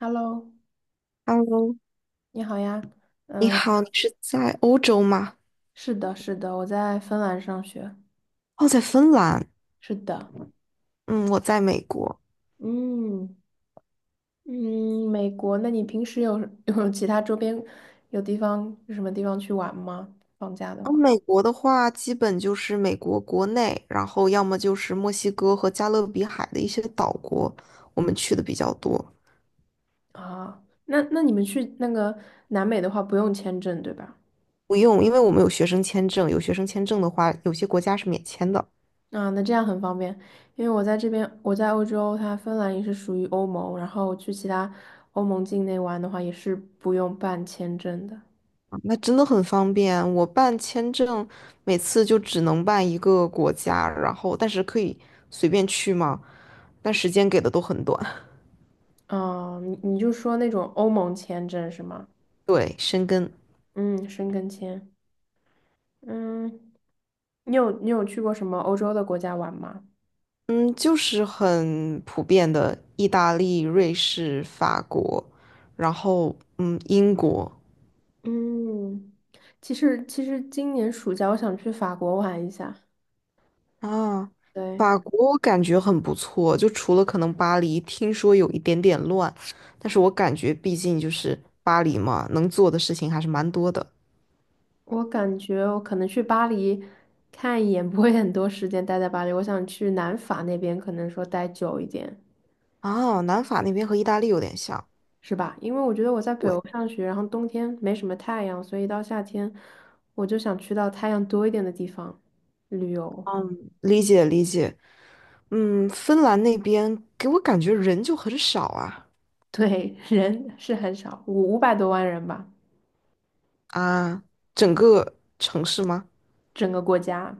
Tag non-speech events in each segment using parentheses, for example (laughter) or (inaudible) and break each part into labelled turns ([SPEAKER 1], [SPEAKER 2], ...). [SPEAKER 1] Hello，
[SPEAKER 2] Hello，
[SPEAKER 1] 你好呀。
[SPEAKER 2] 你
[SPEAKER 1] 嗯，
[SPEAKER 2] 好，你是在欧洲吗？
[SPEAKER 1] 是的，是的，我在芬兰上学。
[SPEAKER 2] 哦，在芬兰。
[SPEAKER 1] 是的，
[SPEAKER 2] 嗯，我在美国。
[SPEAKER 1] 嗯嗯，美国。那你平时有 (laughs) 有其他周边有什么地方去玩吗？放假的
[SPEAKER 2] 嗯，
[SPEAKER 1] 话
[SPEAKER 2] 美国的话，基本就是美国国内，然后要么就是墨西哥和加勒比海的一些岛国，我们去的比较多。
[SPEAKER 1] 啊，那你们去那个南美的话不用签证对吧？
[SPEAKER 2] 不用，因为我们有学生签证，有学生签证的话，有些国家是免签的。
[SPEAKER 1] 啊，那这样很方便，因为我在这边，我在欧洲，它芬兰也是属于欧盟，然后去其他欧盟境内玩的话也是不用办签证的。
[SPEAKER 2] 啊那真的很方便。我办签证，每次就只能办一个国家，然后但是可以随便去嘛，但时间给的都很短。(laughs)
[SPEAKER 1] 哦，你就说那种欧盟签证是吗？
[SPEAKER 2] 对，申根。
[SPEAKER 1] 嗯，申根签。嗯，你有去过什么欧洲的国家玩吗？
[SPEAKER 2] 嗯，就是很普遍的意大利、瑞士、法国，然后英国
[SPEAKER 1] 嗯，其实今年暑假我想去法国玩一下。
[SPEAKER 2] 啊，
[SPEAKER 1] 对，
[SPEAKER 2] 法国我感觉很不错，就除了可能巴黎，听说有一点点乱，但是我感觉毕竟就是巴黎嘛，能做的事情还是蛮多的
[SPEAKER 1] 我感觉我可能去巴黎看一眼，不会很多时间待在巴黎。我想去南法那边，可能说待久一点，
[SPEAKER 2] 啊。南法那边和意大利有点像，
[SPEAKER 1] 是吧？因为我觉得我在北
[SPEAKER 2] 对，
[SPEAKER 1] 欧上学，然后冬天没什么太阳，所以到夏天我就想去到太阳多一点的地方旅游。
[SPEAKER 2] 嗯，理解理解，嗯，芬兰那边给我感觉人就很少啊
[SPEAKER 1] 对，人是很少，五百多万人吧，
[SPEAKER 2] 啊，整个城市吗？
[SPEAKER 1] 整个国家，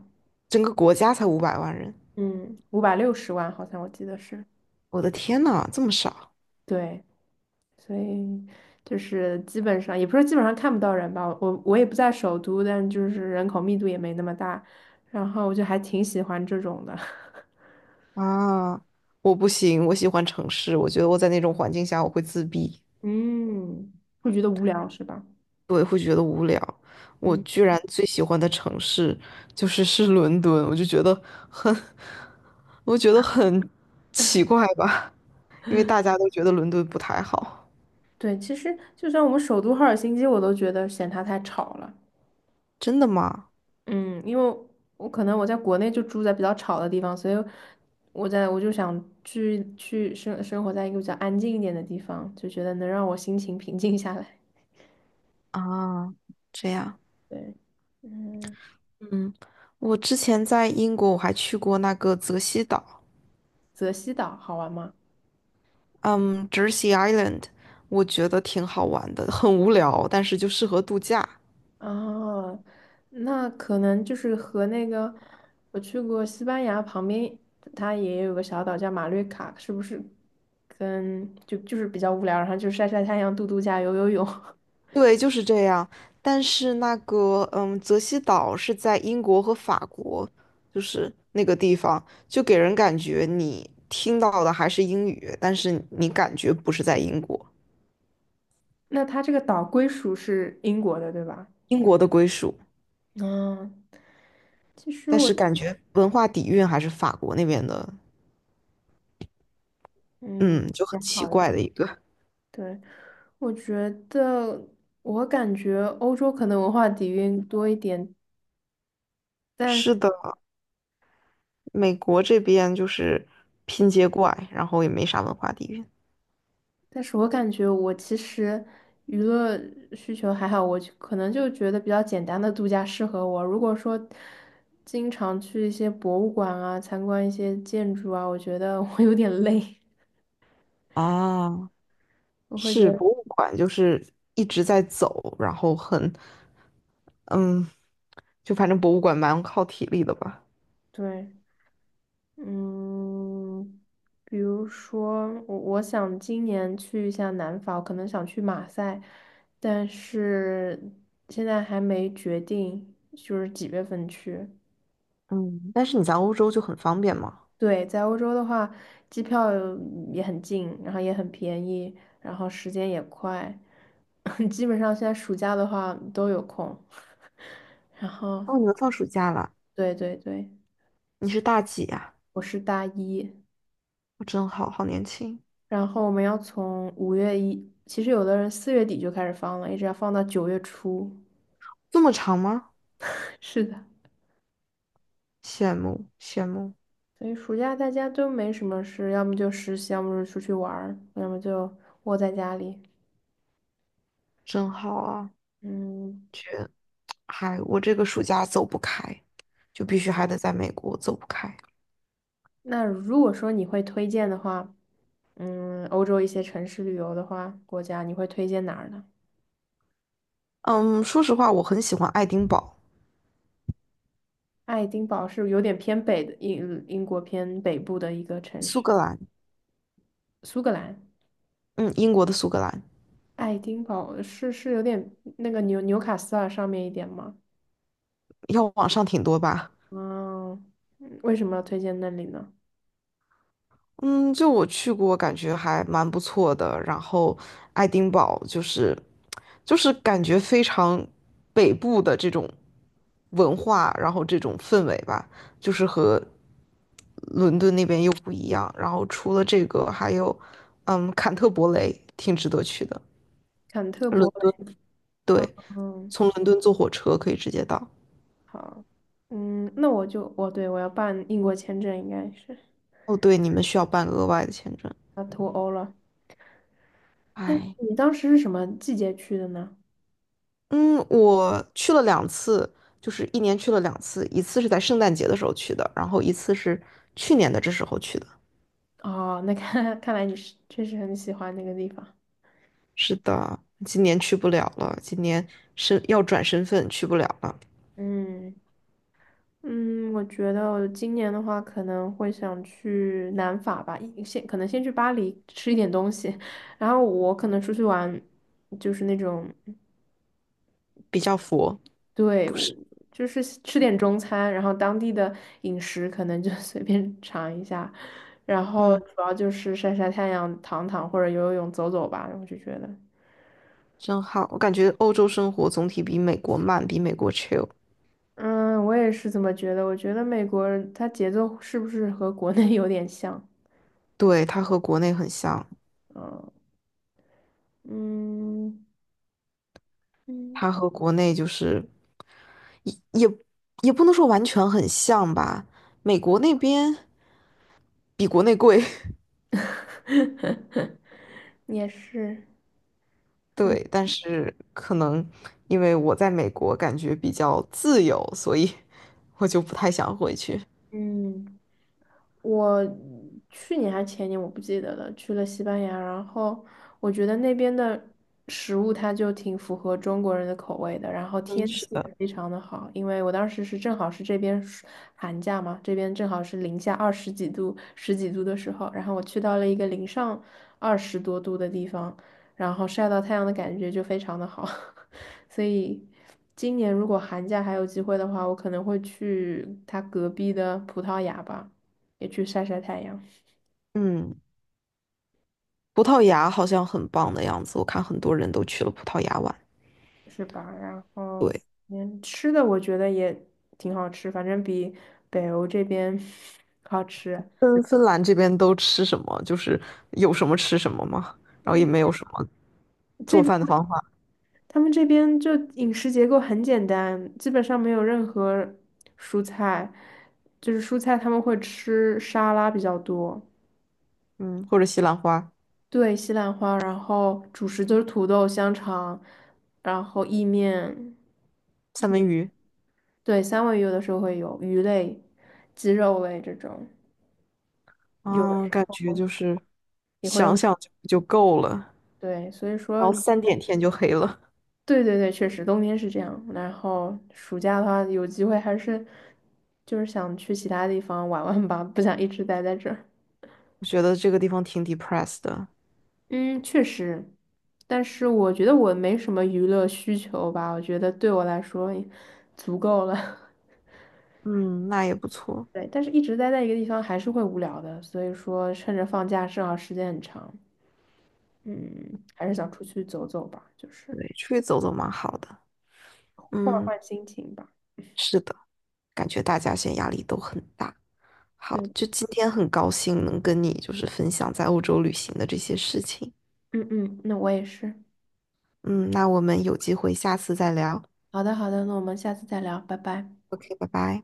[SPEAKER 2] 整个国家才500万人，
[SPEAKER 1] 嗯，560万好像我记得是，
[SPEAKER 2] 我的天呐，这么少
[SPEAKER 1] 对，所以就是基本上，也不是基本上看不到人吧，我也不在首都，但就是人口密度也没那么大，然后我就还挺喜欢这种的，
[SPEAKER 2] 啊！我不行，我喜欢城市，我觉得我在那种环境下我会自闭。
[SPEAKER 1] (laughs) 嗯会觉得无聊是吧？
[SPEAKER 2] 我
[SPEAKER 1] 嗯，
[SPEAKER 2] 居然最喜欢的城市就是伦敦，我就觉得很，(laughs) 我觉得很奇怪吧，因为大家都觉得伦敦不太好。
[SPEAKER 1] 对，其实就算我们首都赫尔辛基，我都觉得嫌它太吵了。
[SPEAKER 2] 真的吗？
[SPEAKER 1] 嗯，因为我可能我在国内就住在比较吵的地方，所以我就想去生活在一个比较安静一点的地方，就觉得能让我心情平静下来。
[SPEAKER 2] 啊，这样，
[SPEAKER 1] 对，嗯，
[SPEAKER 2] 嗯，我之前在英国我还去过那个泽西岛，
[SPEAKER 1] 泽西岛好玩吗？
[SPEAKER 2] 嗯，Jersey Island，我觉得挺好玩的，很无聊，但是就适合度假。
[SPEAKER 1] 啊，那可能就是和那个我去过西班牙旁边，它也有个小岛叫马略卡，是不是跟就是比较无聊，然后就晒晒太阳、度度假、游游泳。(laughs)
[SPEAKER 2] 对，就是这样。但是那个，嗯，泽西岛是在英国和法国，就是那个地方，就给人感觉你听到的还是英语，但是你感觉不是在英国，
[SPEAKER 1] 那它这个岛归属是英国的，对吧？
[SPEAKER 2] 英国的归属，
[SPEAKER 1] 嗯，其实
[SPEAKER 2] 但
[SPEAKER 1] 我
[SPEAKER 2] 是感觉文化底蕴还是法国那边的，
[SPEAKER 1] 嗯
[SPEAKER 2] 嗯，就
[SPEAKER 1] 也
[SPEAKER 2] 很奇
[SPEAKER 1] 好一，
[SPEAKER 2] 怪的一个。
[SPEAKER 1] 对，我觉得我感觉欧洲可能文化底蕴多一点，
[SPEAKER 2] 是
[SPEAKER 1] 但
[SPEAKER 2] 的，美国这边就是拼接怪，然后也没啥文化底蕴。
[SPEAKER 1] 但是我感觉我其实娱乐需求还好，我就可能就觉得比较简单的度假适合我。如果说经常去一些博物馆啊，参观一些建筑啊，我觉得 (laughs) 我有点累，
[SPEAKER 2] 啊，
[SPEAKER 1] 我会觉
[SPEAKER 2] 是
[SPEAKER 1] 得
[SPEAKER 2] 博物馆，就是一直在走，然后很，嗯，就反正博物馆蛮靠体力的吧。
[SPEAKER 1] 对。嗯，比如说，我想今年去一下南法，我可能想去马赛，但是现在还没决定，就是几月份去。
[SPEAKER 2] 嗯，但是你在欧洲就很方便嘛。
[SPEAKER 1] 对，在欧洲的话，机票也很近，然后也很便宜，然后时间也快，(laughs) 基本上现在暑假的话都有空。(laughs) 然后，
[SPEAKER 2] 哦，你们放暑假了？
[SPEAKER 1] 对对对，
[SPEAKER 2] 你是大几呀？
[SPEAKER 1] 我是大一。
[SPEAKER 2] 我真好，好年轻。
[SPEAKER 1] 然后我们要从五月一，其实有的人4月底就开始放了，一直要放到9月初。
[SPEAKER 2] 这么长吗？
[SPEAKER 1] (laughs) 是的，
[SPEAKER 2] 羡慕羡慕，
[SPEAKER 1] 所以暑假大家都没什么事，要么就实习，要么就出去玩儿，要么就窝在家里。
[SPEAKER 2] 真好啊！
[SPEAKER 1] 嗯，
[SPEAKER 2] 嗨，我这个暑假走不开，就必须还得在美国走不开。
[SPEAKER 1] 那如果说你会推荐的话，嗯，欧洲一些城市旅游的话，国家你会推荐哪儿呢？
[SPEAKER 2] 嗯，说实话，我很喜欢爱丁堡，
[SPEAKER 1] 爱丁堡是有点偏北的英国偏北部的一个城
[SPEAKER 2] 苏
[SPEAKER 1] 市，
[SPEAKER 2] 格兰，
[SPEAKER 1] 苏格兰。
[SPEAKER 2] 嗯，英国的苏格兰，
[SPEAKER 1] 爱丁堡是是有点那个纽卡斯尔上面一点吗？
[SPEAKER 2] 要往上挺多吧。
[SPEAKER 1] 嗯，嗯为什么要推荐那里呢？
[SPEAKER 2] 嗯，就我去过，感觉还蛮不错的。然后爱丁堡就是，就是感觉非常北部的这种文化，然后这种氛围吧，就是和伦敦那边又不一样。然后除了这个，还有坎特伯雷，挺值得去的。
[SPEAKER 1] 坎特伯
[SPEAKER 2] 伦敦，
[SPEAKER 1] 雷啊，
[SPEAKER 2] 对，
[SPEAKER 1] 嗯，
[SPEAKER 2] 从伦敦坐火车可以直接到。
[SPEAKER 1] 好，嗯，那我就，我对我要办英国签证，应该是
[SPEAKER 2] 哦，对，你们需要办额外的签证。
[SPEAKER 1] 要脱欧了。
[SPEAKER 2] 哎。
[SPEAKER 1] 你当时是什么季节去的呢？
[SPEAKER 2] 嗯，我去了两次，就是一年去了两次，一次是在圣诞节的时候去的，然后一次是去年的这时候去的。
[SPEAKER 1] 哦，那看 (laughs) 看来你是确实很喜欢那个地方。
[SPEAKER 2] 是的，今年去不了了，今年是要转身份去不了了，
[SPEAKER 1] 嗯嗯，我觉得我今年的话可能会想去南法吧，可能先去巴黎吃一点东西，(laughs) 然后我可能出去玩，就是那种。
[SPEAKER 2] 比较佛，
[SPEAKER 1] 对，
[SPEAKER 2] 不
[SPEAKER 1] 我
[SPEAKER 2] 是。
[SPEAKER 1] 就是吃点中餐，然后当地的饮食可能就 (laughs) 随便尝一下，然后
[SPEAKER 2] 嗯，
[SPEAKER 1] 主要就是晒晒太阳、躺躺或者游游泳、走走吧，我就觉得。
[SPEAKER 2] 真好，我感觉欧洲生活总体比美国慢，比美国 chill。
[SPEAKER 1] 嗯，我也是这么觉得。我觉得美国人他节奏是不是和国内 (laughs) 有点像？
[SPEAKER 2] 对，它和国内很像，
[SPEAKER 1] 嗯嗯嗯，
[SPEAKER 2] 它和国内就是也也也不能说完全很像吧，美国那边比国内贵。(laughs)
[SPEAKER 1] (laughs) 也是，
[SPEAKER 2] 对，
[SPEAKER 1] 嗯
[SPEAKER 2] 但是可能因为我在美国感觉比较自由，所以我就不太想回去。
[SPEAKER 1] 嗯。我去年还前年我不记得了，去了西班牙，然后我觉得那边的食物它就挺符合中国人的口味的，然后
[SPEAKER 2] 嗯，
[SPEAKER 1] 天
[SPEAKER 2] 是
[SPEAKER 1] 气
[SPEAKER 2] 的。
[SPEAKER 1] 也非常的好，因为我当时是正好是这边寒假嘛，这边正好是零下二十几度、十几度的时候，然后我去到了一个零上二十多度的地方，然后晒到太阳的感觉就非常的好，(laughs) 所以。今年如果寒假还有机会的话，我可能会去它隔壁的葡萄牙吧。也去晒晒太阳，
[SPEAKER 2] 嗯，葡萄牙好像很棒的样子，我看很多人都去了葡萄牙玩。
[SPEAKER 1] 是吧？然后，
[SPEAKER 2] 对，
[SPEAKER 1] 嗯，吃的我觉得也挺好吃，反正比北欧这边 (laughs) 好吃。
[SPEAKER 2] 芬兰这边都吃什么？就是有什么吃什么吗？然后也
[SPEAKER 1] 嗯，
[SPEAKER 2] 没有什么
[SPEAKER 1] 这
[SPEAKER 2] 做
[SPEAKER 1] 边
[SPEAKER 2] 饭的方法。
[SPEAKER 1] 他们这边就饮食结构很简单，基本上没有任何蔬菜，就是蔬菜他们会吃沙拉比较多，
[SPEAKER 2] 嗯，或者西兰花、
[SPEAKER 1] 对，西兰花，然后主食就是土豆、香肠，然后意面，
[SPEAKER 2] 三文鱼
[SPEAKER 1] 对，三文鱼有的时候会有鱼类、鸡肉类这种，有的
[SPEAKER 2] 啊，感觉就是
[SPEAKER 1] 也会
[SPEAKER 2] 想
[SPEAKER 1] 有。
[SPEAKER 2] 想就够了，
[SPEAKER 1] 对，所以
[SPEAKER 2] 然
[SPEAKER 1] 说，
[SPEAKER 2] 后3点天就黑了。
[SPEAKER 1] 对对对，确实冬天是这样。然后暑假的话，有机会还是就是想去其他地方玩玩吧，不想一直待在这儿。
[SPEAKER 2] 我觉得这个地方挺 depressed 的。
[SPEAKER 1] 嗯，确实，但是我觉得我没什么娱乐需求吧，我觉得对我来说也足够了。
[SPEAKER 2] 嗯，那也不错，
[SPEAKER 1] (laughs) 对，但是一直待在一个地方还是会无聊的，所以说趁着放假正好时间很长，嗯，还是想出去走走吧，就是
[SPEAKER 2] 对，出去走走蛮好的。
[SPEAKER 1] 换
[SPEAKER 2] 嗯，
[SPEAKER 1] 换心情吧。
[SPEAKER 2] 是的，感觉大家现在压力都很大。好，
[SPEAKER 1] 对，
[SPEAKER 2] 就今天很高兴能跟你就是分享在欧洲旅行的这些事情。
[SPEAKER 1] 嗯嗯，那我也是。
[SPEAKER 2] 嗯，那我们有机会下次再聊。
[SPEAKER 1] 好的，好的，那我们下次再聊，拜拜。
[SPEAKER 2] OK，拜拜。